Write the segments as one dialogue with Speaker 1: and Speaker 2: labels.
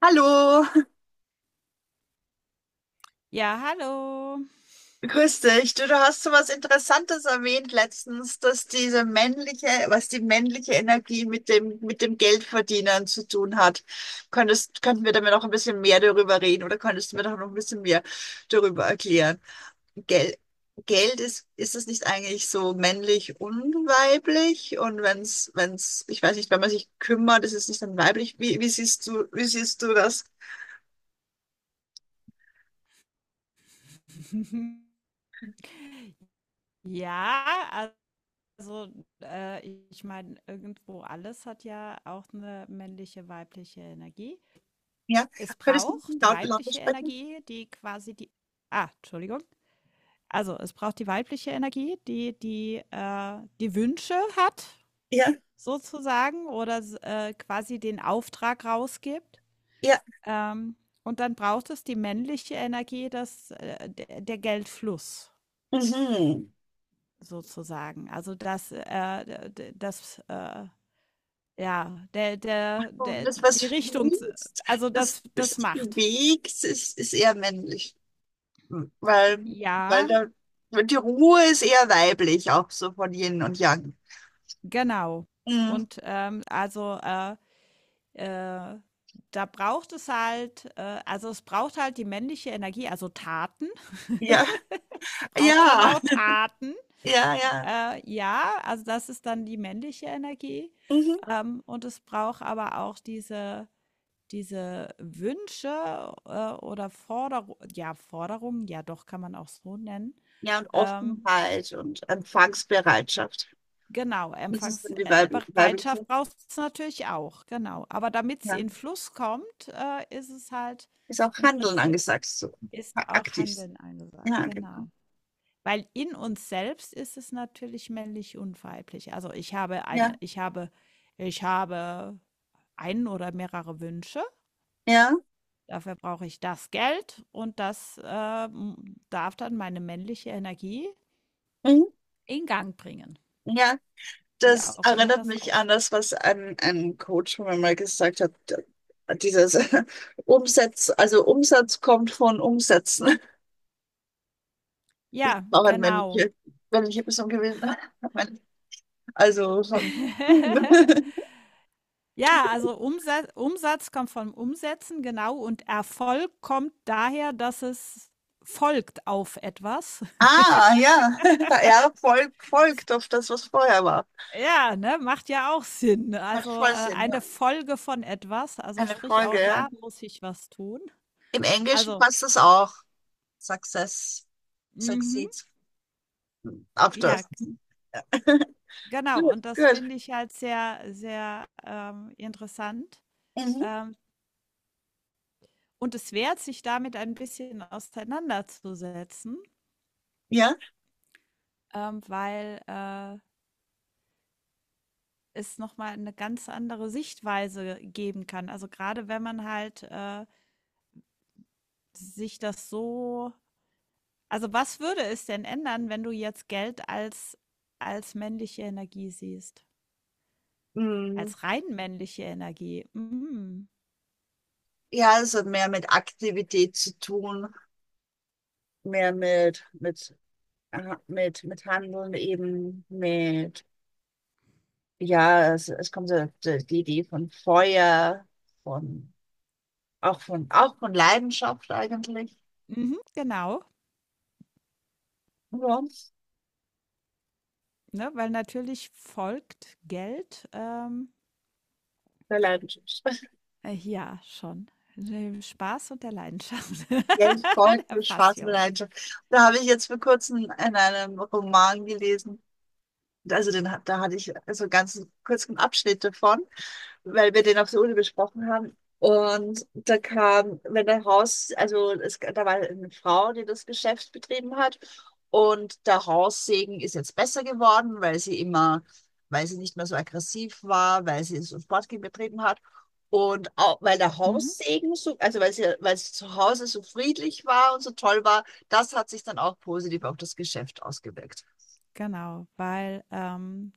Speaker 1: Hallo,
Speaker 2: Ja, hallo.
Speaker 1: grüß dich. Du hast so was Interessantes erwähnt letztens, dass diese männliche, was die männliche Energie mit dem Geldverdienen zu tun hat. Könnten wir da mir noch ein bisschen mehr darüber reden oder könntest du mir doch noch ein bisschen mehr darüber erklären? Geld, Geld ist es nicht eigentlich so männlich und weiblich? Und wenn's, ich weiß nicht, wenn man sich kümmert, ist es nicht dann weiblich? Wie siehst du, wie siehst du das?
Speaker 2: Ja, also, äh, ich meine, irgendwo alles hat ja auch eine männliche, weibliche Energie.
Speaker 1: Ja,
Speaker 2: Es
Speaker 1: könntest du
Speaker 2: braucht die
Speaker 1: lauter
Speaker 2: weibliche
Speaker 1: sprechen?
Speaker 2: Energie, die quasi die. Entschuldigung. Also, es braucht die weibliche Energie, die die Wünsche hat
Speaker 1: Ja.
Speaker 2: sozusagen oder s quasi den Auftrag rausgibt.
Speaker 1: Ja.
Speaker 2: Ähm, und dann braucht es die männliche Energie, das der Geldfluss
Speaker 1: Mhm.
Speaker 2: sozusagen. Also das, das, ja, der, der,
Speaker 1: Und
Speaker 2: der,
Speaker 1: das, was
Speaker 2: die Richtung,
Speaker 1: fließt,
Speaker 2: also
Speaker 1: das,
Speaker 2: das,
Speaker 1: das
Speaker 2: das
Speaker 1: sich
Speaker 2: macht.
Speaker 1: bewegt, ist eher männlich. Weil, weil
Speaker 2: Ja,
Speaker 1: da, die Ruhe ist eher weiblich, auch so von Yin und Yang.
Speaker 2: genau.
Speaker 1: Mhm.
Speaker 2: Und äh, da braucht es halt, also es braucht halt die männliche Energie, also Taten.
Speaker 1: Ja,
Speaker 2: Es braucht schon
Speaker 1: ja,
Speaker 2: auch Taten.
Speaker 1: ja, ja.
Speaker 2: Ja, also das ist dann die männliche Energie.
Speaker 1: Mhm.
Speaker 2: Und es braucht aber auch diese diese Wünsche, oder Forderungen, ja doch, kann man auch so nennen.
Speaker 1: Ja, und
Speaker 2: Ähm,
Speaker 1: Offenheit und Empfangsbereitschaft.
Speaker 2: genau,
Speaker 1: Das ist dann die weibliche.
Speaker 2: Empfangsbereitschaft braucht es natürlich auch, genau. Aber damit's
Speaker 1: Ja.
Speaker 2: in Fluss kommt, ist es halt
Speaker 1: Ist auch
Speaker 2: im
Speaker 1: Handeln
Speaker 2: Prinzip
Speaker 1: angesagt, so
Speaker 2: ist auch
Speaker 1: aktiv sein.
Speaker 2: Handeln angesagt,
Speaker 1: Ja, genau.
Speaker 2: genau. Weil in uns selbst ist es natürlich männlich und weiblich. Also, ich habe eine
Speaker 1: Ja,
Speaker 2: ich habe ich habe einen oder mehrere Wünsche.
Speaker 1: ja.
Speaker 2: Dafür brauche ich das Geld und das darf dann meine männliche Energie
Speaker 1: Mhm.
Speaker 2: in Gang bringen,
Speaker 1: Ja,
Speaker 2: wie
Speaker 1: das
Speaker 2: auch immer
Speaker 1: erinnert
Speaker 2: das
Speaker 1: mich an
Speaker 2: aussieht.
Speaker 1: das, was ein Coach von mir mal gesagt hat. Dieses Umsatz, also Umsatz kommt von Umsätzen. Das
Speaker 2: Ja,
Speaker 1: war auch ein
Speaker 2: genau.
Speaker 1: männliche Person gewesen. Also von tun.
Speaker 2: Ja, also Umsatz, Umsatz kommt vom Umsetzen, genau, und Erfolg kommt daher, dass es folgt auf etwas.
Speaker 1: Ah, ja. Ja, Volk folgt auf das, was vorher war.
Speaker 2: Ja, ne, macht ja auch Sinn. Also,
Speaker 1: Macht
Speaker 2: äh,
Speaker 1: voll Sinn,
Speaker 2: eine
Speaker 1: ja.
Speaker 2: Folge von etwas, also
Speaker 1: Eine
Speaker 2: sprich
Speaker 1: Folge,
Speaker 2: auch
Speaker 1: ja.
Speaker 2: da muss ich was tun.
Speaker 1: Im Englischen
Speaker 2: Also,
Speaker 1: passt das auch. Success,
Speaker 2: mhm,
Speaker 1: succeeds after.
Speaker 2: ja. Genau,
Speaker 1: Gut,
Speaker 2: und das
Speaker 1: gut.
Speaker 2: finde ich halt sehr, sehr, interessant.
Speaker 1: Mhm.
Speaker 2: Ähm, und es wert, sich damit ein bisschen auseinanderzusetzen,
Speaker 1: Ja.
Speaker 2: weil es noch mal 'ne ganz andere Sichtweise geben kann. Also, gerade wenn man halt sich das so, also, was würde es denn ändern, wenn du jetzt Geld als als männliche Energie siehst?
Speaker 1: Mhm.
Speaker 2: Als rein männliche Energie. Mhm.
Speaker 1: Ja, es hat mehr mit Aktivität zu tun, mehr mit Handeln eben, mit, ja, es kommt so die die Idee von Feuer, von, auch von Leidenschaft eigentlich.
Speaker 2: Mhm, genau.
Speaker 1: Ja,
Speaker 2: Ne, weil natürlich folgt Geld, ähm,
Speaker 1: der Leidenschaft.
Speaker 2: äh, ja, schon. Dem Spaß und der Leidenschaft,
Speaker 1: Ja, ich
Speaker 2: der
Speaker 1: folge Spaß mit
Speaker 2: Passion.
Speaker 1: Leidenschaft. Da habe ich jetzt vor kurzem in einem Roman gelesen, also den, da hatte ich so einen ganz kurzen Abschnitt davon, weil wir den auf der Uni besprochen haben. Und da kam, wenn der Haus, also es, da war eine Frau, die das Geschäft betrieben hat. Und der Haussegen ist jetzt besser geworden, weil sie immer, weil sie nicht mehr so aggressiv war, weil sie so Sportgym betrieben hat. Und auch, weil der
Speaker 2: Mhm,
Speaker 1: Haussegen so, also weil sie zu Hause so friedlich war und so toll war, das hat sich dann auch positiv auf das Geschäft ausgewirkt.
Speaker 2: genau, weil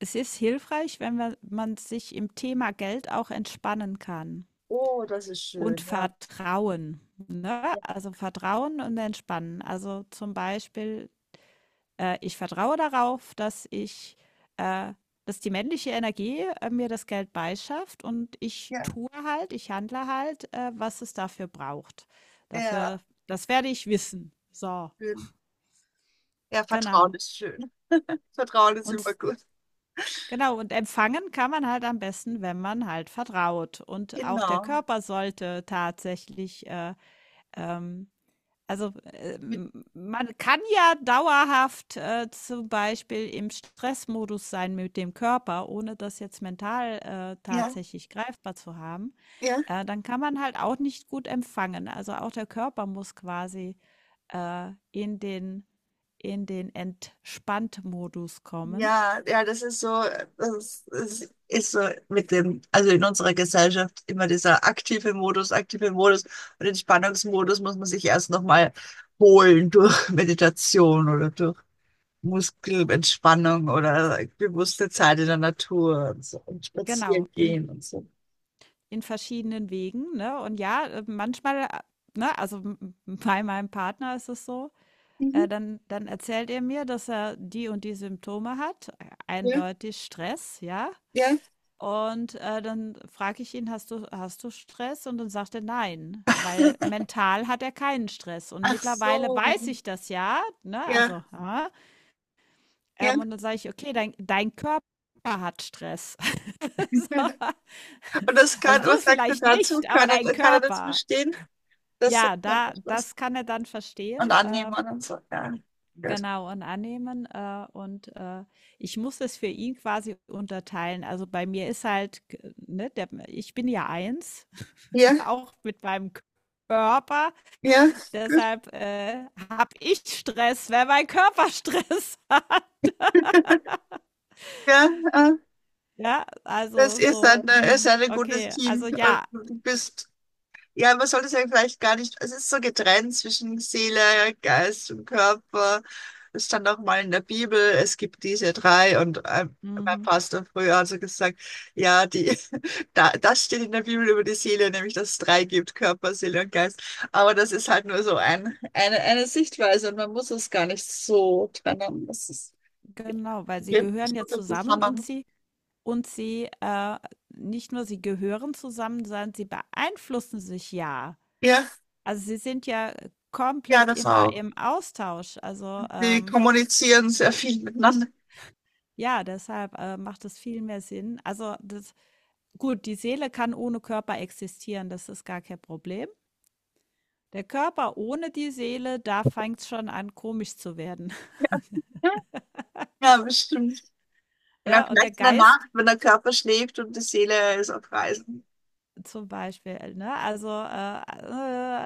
Speaker 2: es ist hilfreich, wenn man sich im Thema Geld auch entspannen kann
Speaker 1: Oh, das ist
Speaker 2: und
Speaker 1: schön, ja.
Speaker 2: Vertrauen. Ne? Also Vertrauen und Entspannen. Also zum Beispiel ich vertraue darauf, äh, dass die männliche Energie mir das Geld beischafft und ich
Speaker 1: Ja,
Speaker 2: tue halt, ich handle halt, was es dafür braucht. Dafür,
Speaker 1: ja,
Speaker 2: das werde ich wissen. So,
Speaker 1: schön. Ja, Vertrauen
Speaker 2: genau.
Speaker 1: ist schön. Vertrauen ist
Speaker 2: Und
Speaker 1: immer
Speaker 2: s-
Speaker 1: gut.
Speaker 2: genau, und empfangen kann man halt am besten, wenn man halt vertraut. Und auch der
Speaker 1: Genau.
Speaker 2: Körper sollte tatsächlich ähm,
Speaker 1: Mit-
Speaker 2: man kann ja dauerhaft zum Beispiel im Stressmodus sein mit dem Körper, ohne das jetzt mental
Speaker 1: Ja,
Speaker 2: tatsächlich greifbar zu haben.
Speaker 1: ja.
Speaker 2: Dann kann man halt auch nicht gut empfangen. Also auch der Körper muss quasi in den Entspannt-Modus kommen.
Speaker 1: Ja, ja, das ist so, das ist so mit dem, also in unserer Gesellschaft immer dieser aktive Modus, aktive Modus, und Entspannungsmodus muss man sich erst nochmal holen durch Meditation oder durch Muskelentspannung oder bewusste Zeit in der Natur und so und
Speaker 2: Genau,
Speaker 1: spazieren gehen und so.
Speaker 2: in verschiedenen Wegen, ne? Und ja, manchmal, ne, also m bei meinem Partner ist es so.
Speaker 1: Mhm.
Speaker 2: Dann erzählt er mir, dass er die und die Symptome hat,
Speaker 1: Ja,
Speaker 2: eindeutig Stress, ja?
Speaker 1: ja.
Speaker 2: Und dann frage ich ihn: „Hast du Stress?“ Und dann sagt er: „Nein“, weil mental hat er keinen Stress. Und
Speaker 1: Ach
Speaker 2: mittlerweile
Speaker 1: so.
Speaker 2: weiß ich das ja, ne?
Speaker 1: Ja,
Speaker 2: Also,
Speaker 1: ja.
Speaker 2: und dann sage ich: „Okay, dein Körper hat Stress.“ So.
Speaker 1: Und das
Speaker 2: Also,
Speaker 1: kann,
Speaker 2: du
Speaker 1: was sagt er
Speaker 2: vielleicht
Speaker 1: dazu?
Speaker 2: nicht, aber dein
Speaker 1: Kann er das
Speaker 2: Körper.
Speaker 1: verstehen? Das sagt
Speaker 2: Ja,
Speaker 1: er
Speaker 2: da
Speaker 1: nicht was.
Speaker 2: das kann er dann
Speaker 1: Und
Speaker 2: verstehen,
Speaker 1: annehmen
Speaker 2: ähm
Speaker 1: und so. Ja, gut.
Speaker 2: Genau, und annehmen. Und ich muss es für ihn quasi unterteilen. Also bei mir ist halt, ich bin ja eins,
Speaker 1: Ja,
Speaker 2: auch mit meinem Körper.
Speaker 1: ja, gut.
Speaker 2: Deshalb habe ich Stress, wenn mein Körper Stress hat.
Speaker 1: Ja, ah, das ist ein gutes
Speaker 2: Okay,
Speaker 1: Team.
Speaker 2: also
Speaker 1: Und
Speaker 2: ja,
Speaker 1: du bist ja, man sollte es ja vielleicht gar nicht, es ist so getrennt zwischen Seele, Geist und Körper. Es stand auch mal in der Bibel, es gibt diese drei und mein
Speaker 2: mhm,
Speaker 1: Pastor früher hat so gesagt, ja, die, da, das steht in der Bibel über die Seele, nämlich dass es drei gibt, Körper, Seele und Geist. Aber das ist halt nur so eine Sichtweise und man muss es gar nicht so trennen. Das ist,
Speaker 2: genau, weil sie
Speaker 1: geht
Speaker 2: gehören
Speaker 1: so
Speaker 2: ja
Speaker 1: viel
Speaker 2: zusammen und
Speaker 1: zusammen.
Speaker 2: sie, nicht nur sie gehören zusammen, sondern sie beeinflussen sich ja.
Speaker 1: Ja,
Speaker 2: Also, Sie sind ja
Speaker 1: ja,
Speaker 2: komplett
Speaker 1: das
Speaker 2: immer
Speaker 1: auch.
Speaker 2: im Austausch. Also,
Speaker 1: Wir
Speaker 2: ähm,
Speaker 1: kommunizieren sehr viel miteinander.
Speaker 2: ja, deshalb macht es viel mehr Sinn. Also, das Gut, die Seele kann ohne Körper existieren, das ist gar kein Problem. Der Körper ohne die Seele, da fängt's schon an, komisch zu werden.
Speaker 1: Ja, bestimmt. Und dann
Speaker 2: Ja, und der
Speaker 1: vielleicht in der
Speaker 2: Geist
Speaker 1: Nacht, wenn der Körper schläft und die Seele ist auf Reisen.
Speaker 2: zum Beispiel, ne? Also, äh,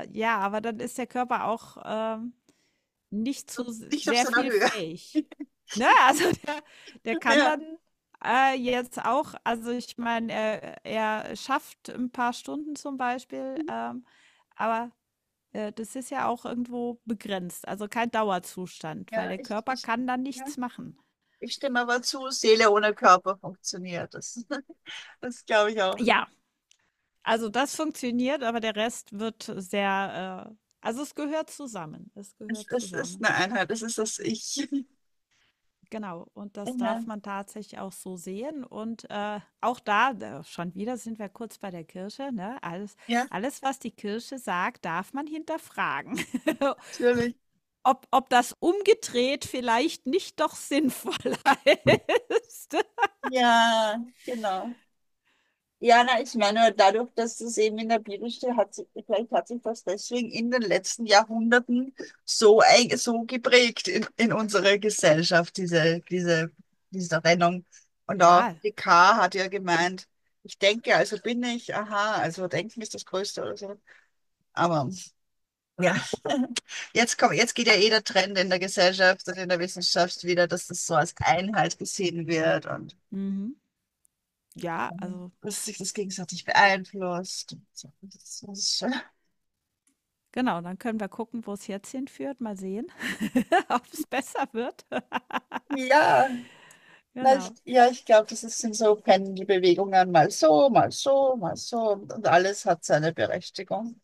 Speaker 2: äh, ja, Aber dann ist der Körper auch nicht zu
Speaker 1: Und
Speaker 2: s
Speaker 1: nicht auf
Speaker 2: sehr
Speaker 1: seiner
Speaker 2: viel
Speaker 1: Höhe.
Speaker 2: fähig. Ne, also der der kann
Speaker 1: Ja,
Speaker 2: dann jetzt auch, also ich meine, er schafft ein paar Stunden zum Beispiel, aber das ist ja auch irgendwo begrenzt, also kein Dauerzustand, weil
Speaker 1: ja,
Speaker 2: der
Speaker 1: ich,
Speaker 2: Körper
Speaker 1: ich,
Speaker 2: kann dann
Speaker 1: ja.
Speaker 2: nichts machen.
Speaker 1: Ich stimme aber zu, Seele ohne Körper funktioniert. Das, das glaube ich auch.
Speaker 2: Ja, also das funktioniert, aber der Rest wird sehr, also es gehört zusammen. Es
Speaker 1: Es,
Speaker 2: gehört
Speaker 1: es ist
Speaker 2: zusammen.
Speaker 1: eine Einheit, es ist das Ich.
Speaker 2: Genau, und das
Speaker 1: Ja,
Speaker 2: darf man tatsächlich auch so sehen. Und auch da, schon wieder sind wir kurz bei der Kirche, ne?
Speaker 1: ja,
Speaker 2: Alles, was die Kirche sagt, darf man hinterfragen.
Speaker 1: natürlich.
Speaker 2: Ob das umgedreht vielleicht nicht doch sinnvoller ist.
Speaker 1: Ja, genau. Ja, na, ich meine, dadurch, dass das eben in der Bibel steht, hat sich, vielleicht hat sich das deswegen in den letzten Jahrhunderten so, so geprägt in unserer Gesellschaft, diese Trennung. Und auch
Speaker 2: Ja,
Speaker 1: die K. hat ja gemeint, ich denke, also bin ich, aha, also Denken ist das Größte oder so. Aber ja, jetzt kommt, jetzt geht ja eh der Trend in der Gesellschaft und in der Wissenschaft wieder, dass das so als Einheit gesehen wird und
Speaker 2: mhm. Ja, also
Speaker 1: dass sich das gegenseitig beeinflusst. So, das ist schon.
Speaker 2: genau, dann können wir gucken, wo es jetzt hinführt. Mal sehen, ob es besser wird.
Speaker 1: Ja, na, ich,
Speaker 2: Genau.
Speaker 1: ja, ich glaube, das sind so Pendelbewegungen, mal so, mal so, mal so und alles hat seine Berechtigung.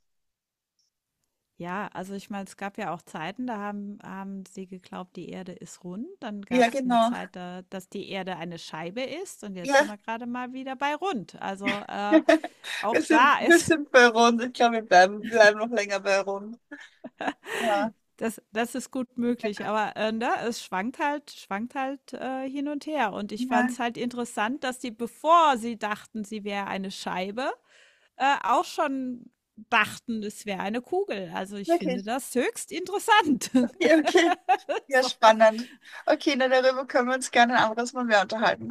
Speaker 2: Ja, also ich meine, es gab ja auch Zeiten, da haben sie geglaubt, die Erde ist rund. Dann
Speaker 1: Ja,
Speaker 2: gab es eine
Speaker 1: genau.
Speaker 2: Zeit, da, dass die Erde eine Scheibe ist. Und jetzt sind
Speaker 1: Ja,
Speaker 2: wir gerade mal wieder bei rund.
Speaker 1: wir
Speaker 2: Auch
Speaker 1: sind,
Speaker 2: da
Speaker 1: wir
Speaker 2: ist,
Speaker 1: sind bei Rund. Ich glaube, wir bleiben noch länger bei Rund. Ja,
Speaker 2: das, das ist gut möglich. Aber ne, es schwankt halt, schwankt halt hin und her. Und ich fand
Speaker 1: ja,
Speaker 2: es halt interessant, dass die, bevor sie dachten, sie wäre eine Scheibe, auch schon dachten, es wäre eine Kugel. Also ich finde
Speaker 1: wirklich.
Speaker 2: das höchst interessant.
Speaker 1: Ja, okay. Ja,
Speaker 2: So.
Speaker 1: spannend. Okay, na, darüber können wir uns gerne ein anderes Mal mehr unterhalten.